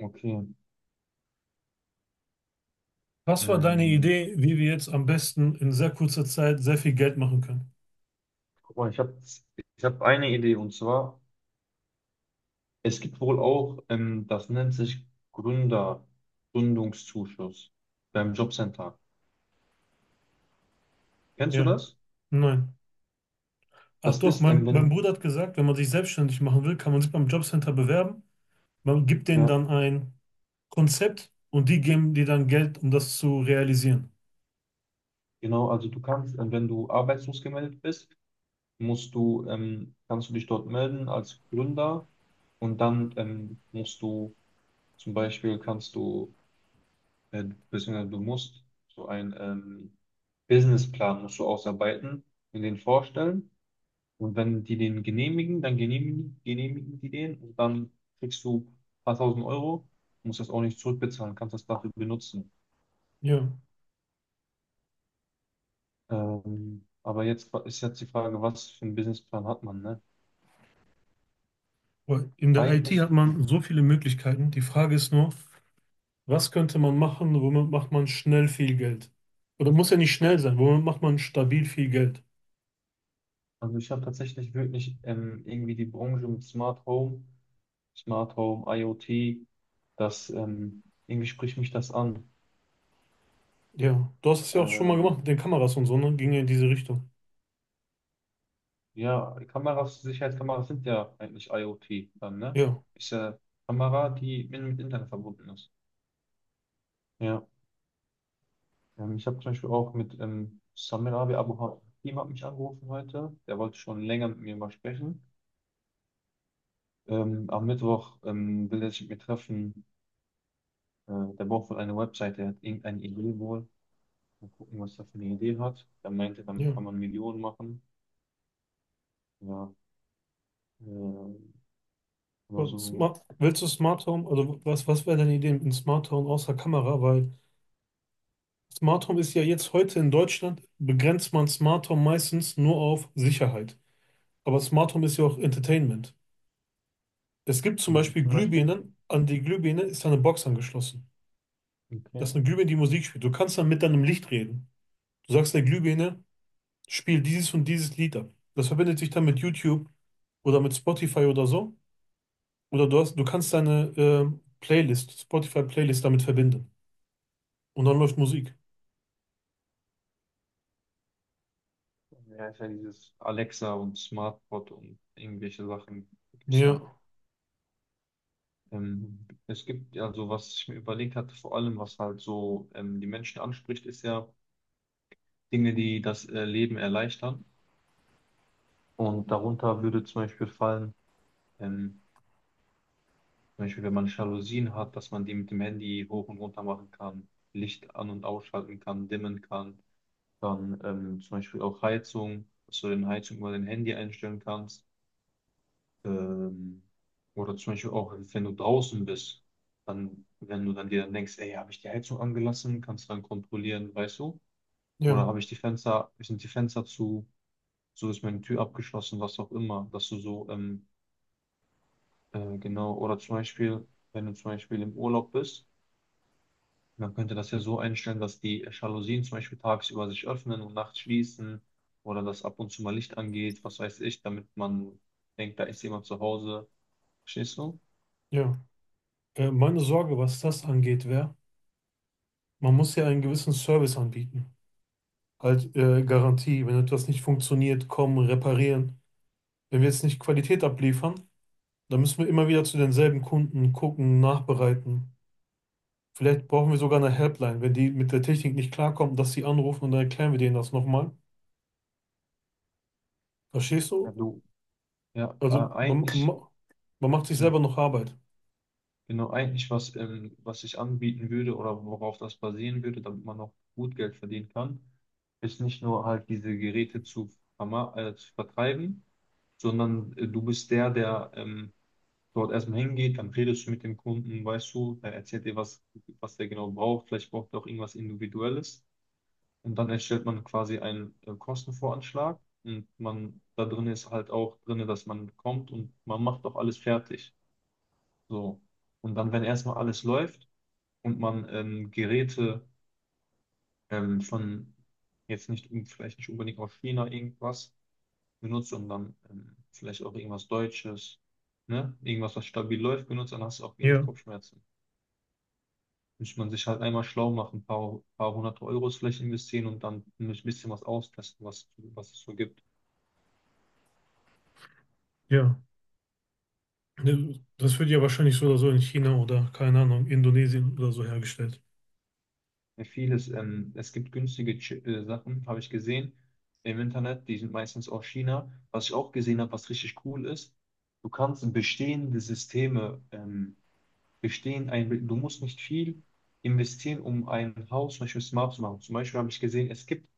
Okay. Was war deine Ähm, Idee, wie wir jetzt am besten in sehr kurzer Zeit sehr viel Geld machen können? Guck mal, ich hab eine Idee, und zwar es gibt wohl auch, das nennt sich Gründer, Gründungszuschuss beim Jobcenter. Kennst du Ja, das? nein. Ach Das doch, ist, mein, mein wenn, Bruder hat gesagt, wenn man sich selbstständig machen will, kann man sich beim Jobcenter bewerben. Man gibt denen ja, dann ein Konzept und die geben dir dann Geld, um das zu realisieren. genau, also du kannst, wenn du arbeitslos gemeldet bist, kannst du dich dort melden als Gründer, und dann musst du, zum Beispiel kannst du äh, beziehungsweise du musst so einen Businessplan musst du ausarbeiten und den vorstellen. Und wenn die den genehmigen, dann genehmigen die den, und dann kriegst du ein paar tausend Euro, musst das auch nicht zurückbezahlen, kannst das dafür benutzen. Ja, Aber jetzt ist jetzt die Frage, was für einen Businessplan hat man, ne? weil in der IT hat Eigentlich, man so viele Möglichkeiten. Die Frage ist nur, was könnte man machen, womit macht man schnell viel Geld? Oder muss ja nicht schnell sein, womit macht man stabil viel Geld? also ich habe tatsächlich wirklich irgendwie die Branche mit Smart Home, Smart Home, IoT, das irgendwie spricht mich das an. Ja, du hast es ja auch schon mal gemacht Ähm, mit den Kameras und so, ne? Ging ja in diese Richtung. Ja, die Kameras, Sicherheitskameras sind ja eigentlich IoT dann, ne? Ja, Ist ja Kamera, die mit Internet verbunden ist. Ja, ich habe zum Beispiel auch mit Samir Abi Abu Hakim hat mich angerufen heute. Der wollte schon länger mit mir mal sprechen. Am Mittwoch will er sich mit mir treffen. Der braucht wohl eine Webseite, er hat irgendeine Idee wohl. Mal gucken, was er für eine Idee hat. Er meinte, damit ja. kann man Millionen machen. Ja, äh, oder Und so. Smart, willst du Smart Home? Also was wäre deine Idee mit einem Smart Home außer Kamera? Weil Smart Home ist ja jetzt heute in Deutschland, begrenzt man Smart Home meistens nur auf Sicherheit. Aber Smart Home ist ja auch Entertainment. Es gibt zum Irgendwie Beispiel zum Beispiel. Glühbirnen, an die Glühbirne ist eine Box angeschlossen. Okay. Das ist eine Glühbirne, die Musik spielt. Du kannst dann mit deinem Licht reden. Du sagst der Glühbirne, spiel dieses und dieses Lied ab. Das verbindet sich dann mit YouTube oder mit Spotify oder so. Oder du hast, du kannst deine Playlist, Spotify-Playlist damit verbinden. Und dann läuft Musik. Ja, ist ja dieses Alexa und SmartBot und irgendwelche Sachen gibt's Ja, ja. Es gibt ja so, was ich mir überlegt hatte, vor allem, was halt so die Menschen anspricht, ist ja Dinge, die das Leben erleichtern. Und darunter würde zum Beispiel fallen, ähm, zum Beispiel, wenn man Jalousien hat, dass man die mit dem Handy hoch und runter machen kann, Licht an- und ausschalten kann, dimmen kann. Dann zum Beispiel auch Heizung, dass du den Heizung über dein Handy einstellen kannst. Ähm, oder zum Beispiel auch, wenn du draußen bist, dann, wenn du dann dir dann denkst, ey, habe ich die Heizung angelassen, kannst du dann kontrollieren, weißt du? Oder ja, habe ich die Fenster, sind die Fenster zu, so ist meine Tür abgeschlossen, was auch immer, dass du so, genau, oder zum Beispiel, wenn du zum Beispiel im Urlaub bist, man könnte das ja so einstellen, dass die Jalousien zum Beispiel tagsüber sich öffnen und nachts schließen, oder dass ab und zu mal Licht angeht, was weiß ich, damit man denkt, da ist jemand zu Hause. Verstehst du? ja. Meine Sorge, was das angeht, wäre, man muss ja einen gewissen Service anbieten. Halt Garantie, wenn etwas nicht funktioniert, kommen, reparieren. Wenn wir jetzt nicht Qualität abliefern, dann müssen wir immer wieder zu denselben Kunden gucken, nachbereiten. Vielleicht brauchen wir sogar eine Helpline, wenn die mit der Technik nicht klarkommen, dass sie anrufen und dann erklären wir denen das nochmal. Verstehst Ja, du? du, ja, Also man, eigentlich, man man macht sich ja, selber noch Arbeit. genau, eigentlich, was ich anbieten würde oder worauf das basieren würde, damit man noch gut Geld verdienen kann, ist nicht nur halt diese Geräte zu vertreiben, sondern du bist der, der dort erstmal hingeht, dann redest du mit dem Kunden, weißt du, er erzählt dir, was der genau braucht, vielleicht braucht er auch irgendwas Individuelles. Und dann erstellt man quasi einen Kostenvoranschlag, und man, da drin ist halt auch drin, dass man kommt und man macht auch alles fertig. So. Und dann, wenn erstmal alles läuft und man Geräte von jetzt nicht, un- vielleicht nicht unbedingt aus China irgendwas benutzt, sondern vielleicht auch irgendwas Deutsches, ne? Irgendwas, was stabil läuft, benutzt, dann hast du auch wenig Ja, Kopfschmerzen. Muss man sich halt einmal schlau machen, paar hundert Euros vielleicht investieren und dann ein bisschen was austesten, was es so gibt. ja. Ne, das wird ja wahrscheinlich so oder so in China oder, keine Ahnung, Indonesien oder so hergestellt. Vieles, es gibt günstige Sachen, habe ich gesehen im Internet, die sind meistens aus China. Was ich auch gesehen habe, was richtig cool ist, du kannst bestehende Systeme, du musst nicht viel investieren, um ein Haus zum Beispiel smart zu machen. Zum Beispiel habe ich gesehen, es gibt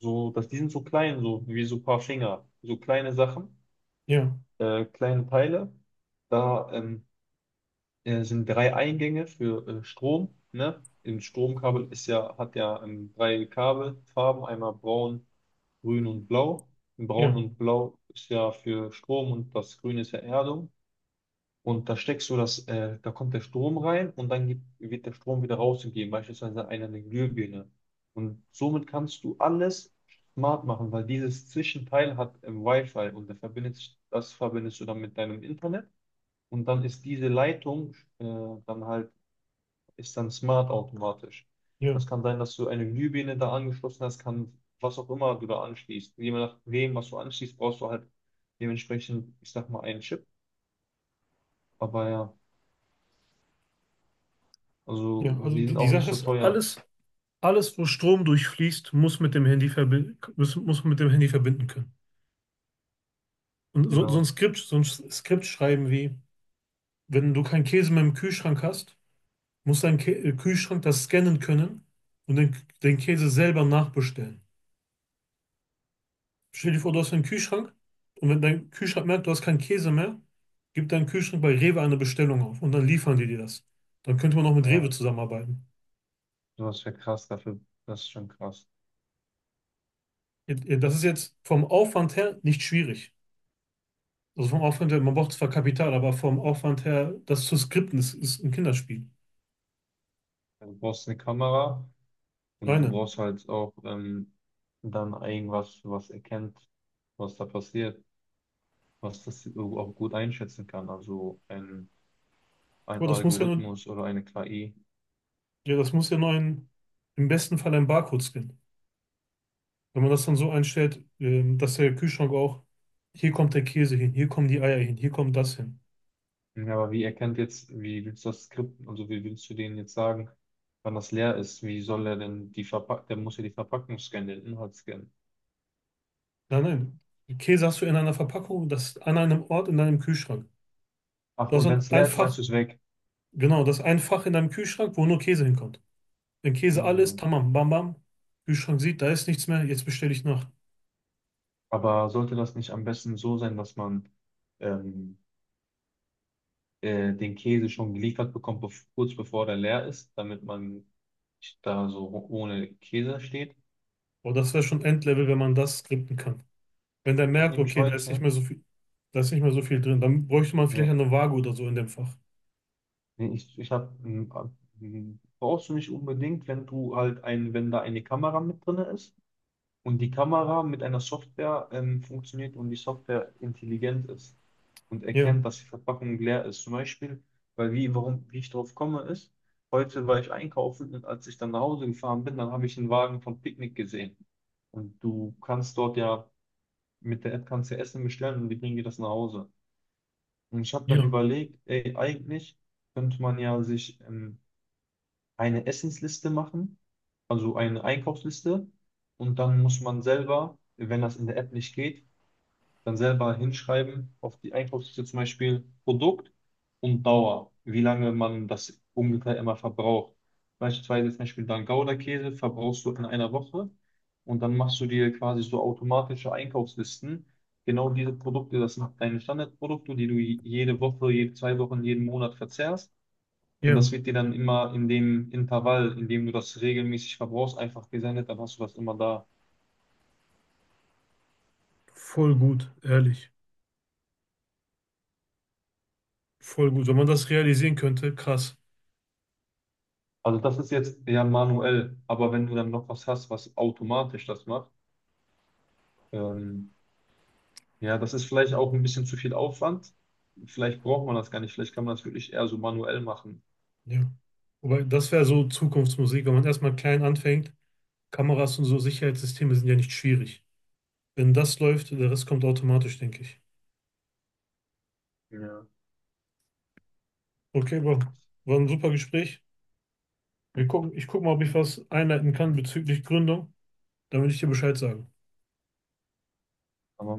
so, dass die sind so klein, so wie so ein paar Finger, so kleine Sachen, Ja, kleine Teile. Da sind drei Eingänge für Strom, ne? Im Stromkabel hat ja drei Kabelfarben, einmal braun, grün und blau. Braun ja, und blau ist ja für Strom und das Grün ist ja Erdung. Und da steckst du das, da kommt der Strom rein und dann wird der Strom wieder rausgegeben, beispielsweise eine Glühbirne. Und somit kannst du alles smart machen, weil dieses Zwischenteil hat Wi-Fi, und da das verbindest du dann mit deinem Internet. Und dann ist diese Leitung dann halt ist dann smart automatisch. ja, Das kann sein, dass du eine Glühbirne da angeschlossen hast, kann was auch immer du da anschließt. Je nachdem, was du anschließt, brauchst du halt dementsprechend, ich sag mal, einen Chip. Aber ja, also ja. Also die die, sind die auch nicht Sache so ist, teuer. alles, wo Strom durchfließt, muss mit dem Handy verbinden, muss man mit dem Handy verbinden können. Und so, Genau. So ein Skript schreiben wie, wenn du keinen Käse mehr im Kühlschrank hast, muss dein Kä Kühlschrank das scannen können und den Käse selber nachbestellen. Stell dir vor, du hast einen Kühlschrank und wenn dein Kühlschrank merkt, du hast keinen Käse mehr, gib deinen Kühlschrank bei Rewe eine Bestellung auf und dann liefern die dir das. Dann könnte man auch mit Rewe Ja, zusammenarbeiten. sowas wäre krass dafür. Das ist schon krass. Das ist jetzt vom Aufwand her nicht schwierig. Also vom Aufwand her, man braucht zwar Kapital, aber vom Aufwand her, das zu skripten, ist ein Kinderspiel. Also, du brauchst eine Kamera und Nein, du nein. brauchst halt auch dann irgendwas, was erkennt, was da passiert, was das auch gut einschätzen kann. Ein Aber das muss ja nur, Algorithmus oder eine KI. ja, das muss ja nur ein, im besten Fall ein Barcode scannen. Wenn man das dann so einstellt, dass der Kühlschrank auch, hier kommt der Käse hin, hier kommen die Eier hin, hier kommt das hin. Ja, aber wie erkennt jetzt, wie willst du das Skript, also wie willst du denen jetzt sagen, wann das leer ist? Wie soll er denn die Verpackung, der muss ja die Verpackung scannen, den Inhalt scannen. Nein, nein. Käse hast du in einer Verpackung, das an einem Ort in deinem Kühlschrank. Ach, Du hast und ein wenn es leer ein ist, schmeißt Fach, du es weg. genau, das ein Fach in deinem Kühlschrank, wo nur Käse hinkommt. Wenn Käse alles, ist, Hm. tamam, bam, bam. Kühlschrank sieht, da ist nichts mehr, jetzt bestelle ich nach. Aber sollte das nicht am besten so sein, dass man ähm, den Käse schon geliefert bekommt, kurz bevor der leer ist, damit man nicht da so ohne Käse steht? Boah, das wäre schon Endlevel, wenn man das skripten kann. Wenn der Ich habe merkt, nämlich okay, da ist nicht heute, mehr so viel, da ist nicht mehr so viel drin, dann bräuchte man vielleicht ja, eine Waage oder so in dem Fach. nee, ich habe, brauchst du nicht unbedingt, wenn da eine Kamera mit drin ist und die Kamera mit einer Software funktioniert und die Software intelligent ist und Ja, erkennt, dass die Verpackung leer ist. Zum Beispiel, wie ich drauf komme, ist, heute war ich einkaufen, und als ich dann nach Hause gefahren bin, dann habe ich einen Wagen von Picknick gesehen. Und du kannst dort ja mit der App kannst du Essen bestellen und die bringen dir das nach Hause. Und ich habe dann ja, überlegt, ey, eigentlich könnte man ja sich eine Essensliste machen, also eine Einkaufsliste. Und dann muss man selber, wenn das in der App nicht geht, dann selber hinschreiben auf die Einkaufsliste zum Beispiel Produkt und Dauer, wie lange man das ungefähr immer verbraucht. Beispielsweise zum Beispiel dann Gouda-Käse verbrauchst du in einer Woche, und dann machst du dir quasi so automatische Einkaufslisten. Genau diese Produkte, das sind deine Standardprodukte, die du jede Woche, jede zwei Wochen, jeden Monat verzehrst. Und das ja. wird dir dann immer in dem Intervall, in dem du das regelmäßig verbrauchst, einfach gesendet, dann hast du das immer da. Voll gut, ehrlich. Voll gut. Wenn man das realisieren könnte, krass. Also das ist jetzt ja manuell, aber wenn du dann noch was hast, was automatisch das macht, ähm, ja, das ist vielleicht auch ein bisschen zu viel Aufwand. Vielleicht braucht man das gar nicht, vielleicht kann man das wirklich eher so manuell machen. Ja. Wobei, das wäre so Zukunftsmusik, wenn man erstmal klein anfängt. Kameras und so Sicherheitssysteme sind ja nicht schwierig. Wenn das läuft, der Rest kommt automatisch, denke ich. Ja. Okay, Bro. War ein super Gespräch. Wir gucken, ich gucke mal, ob ich was einleiten kann bezüglich Gründung. Dann will ich dir Bescheid sagen. Aber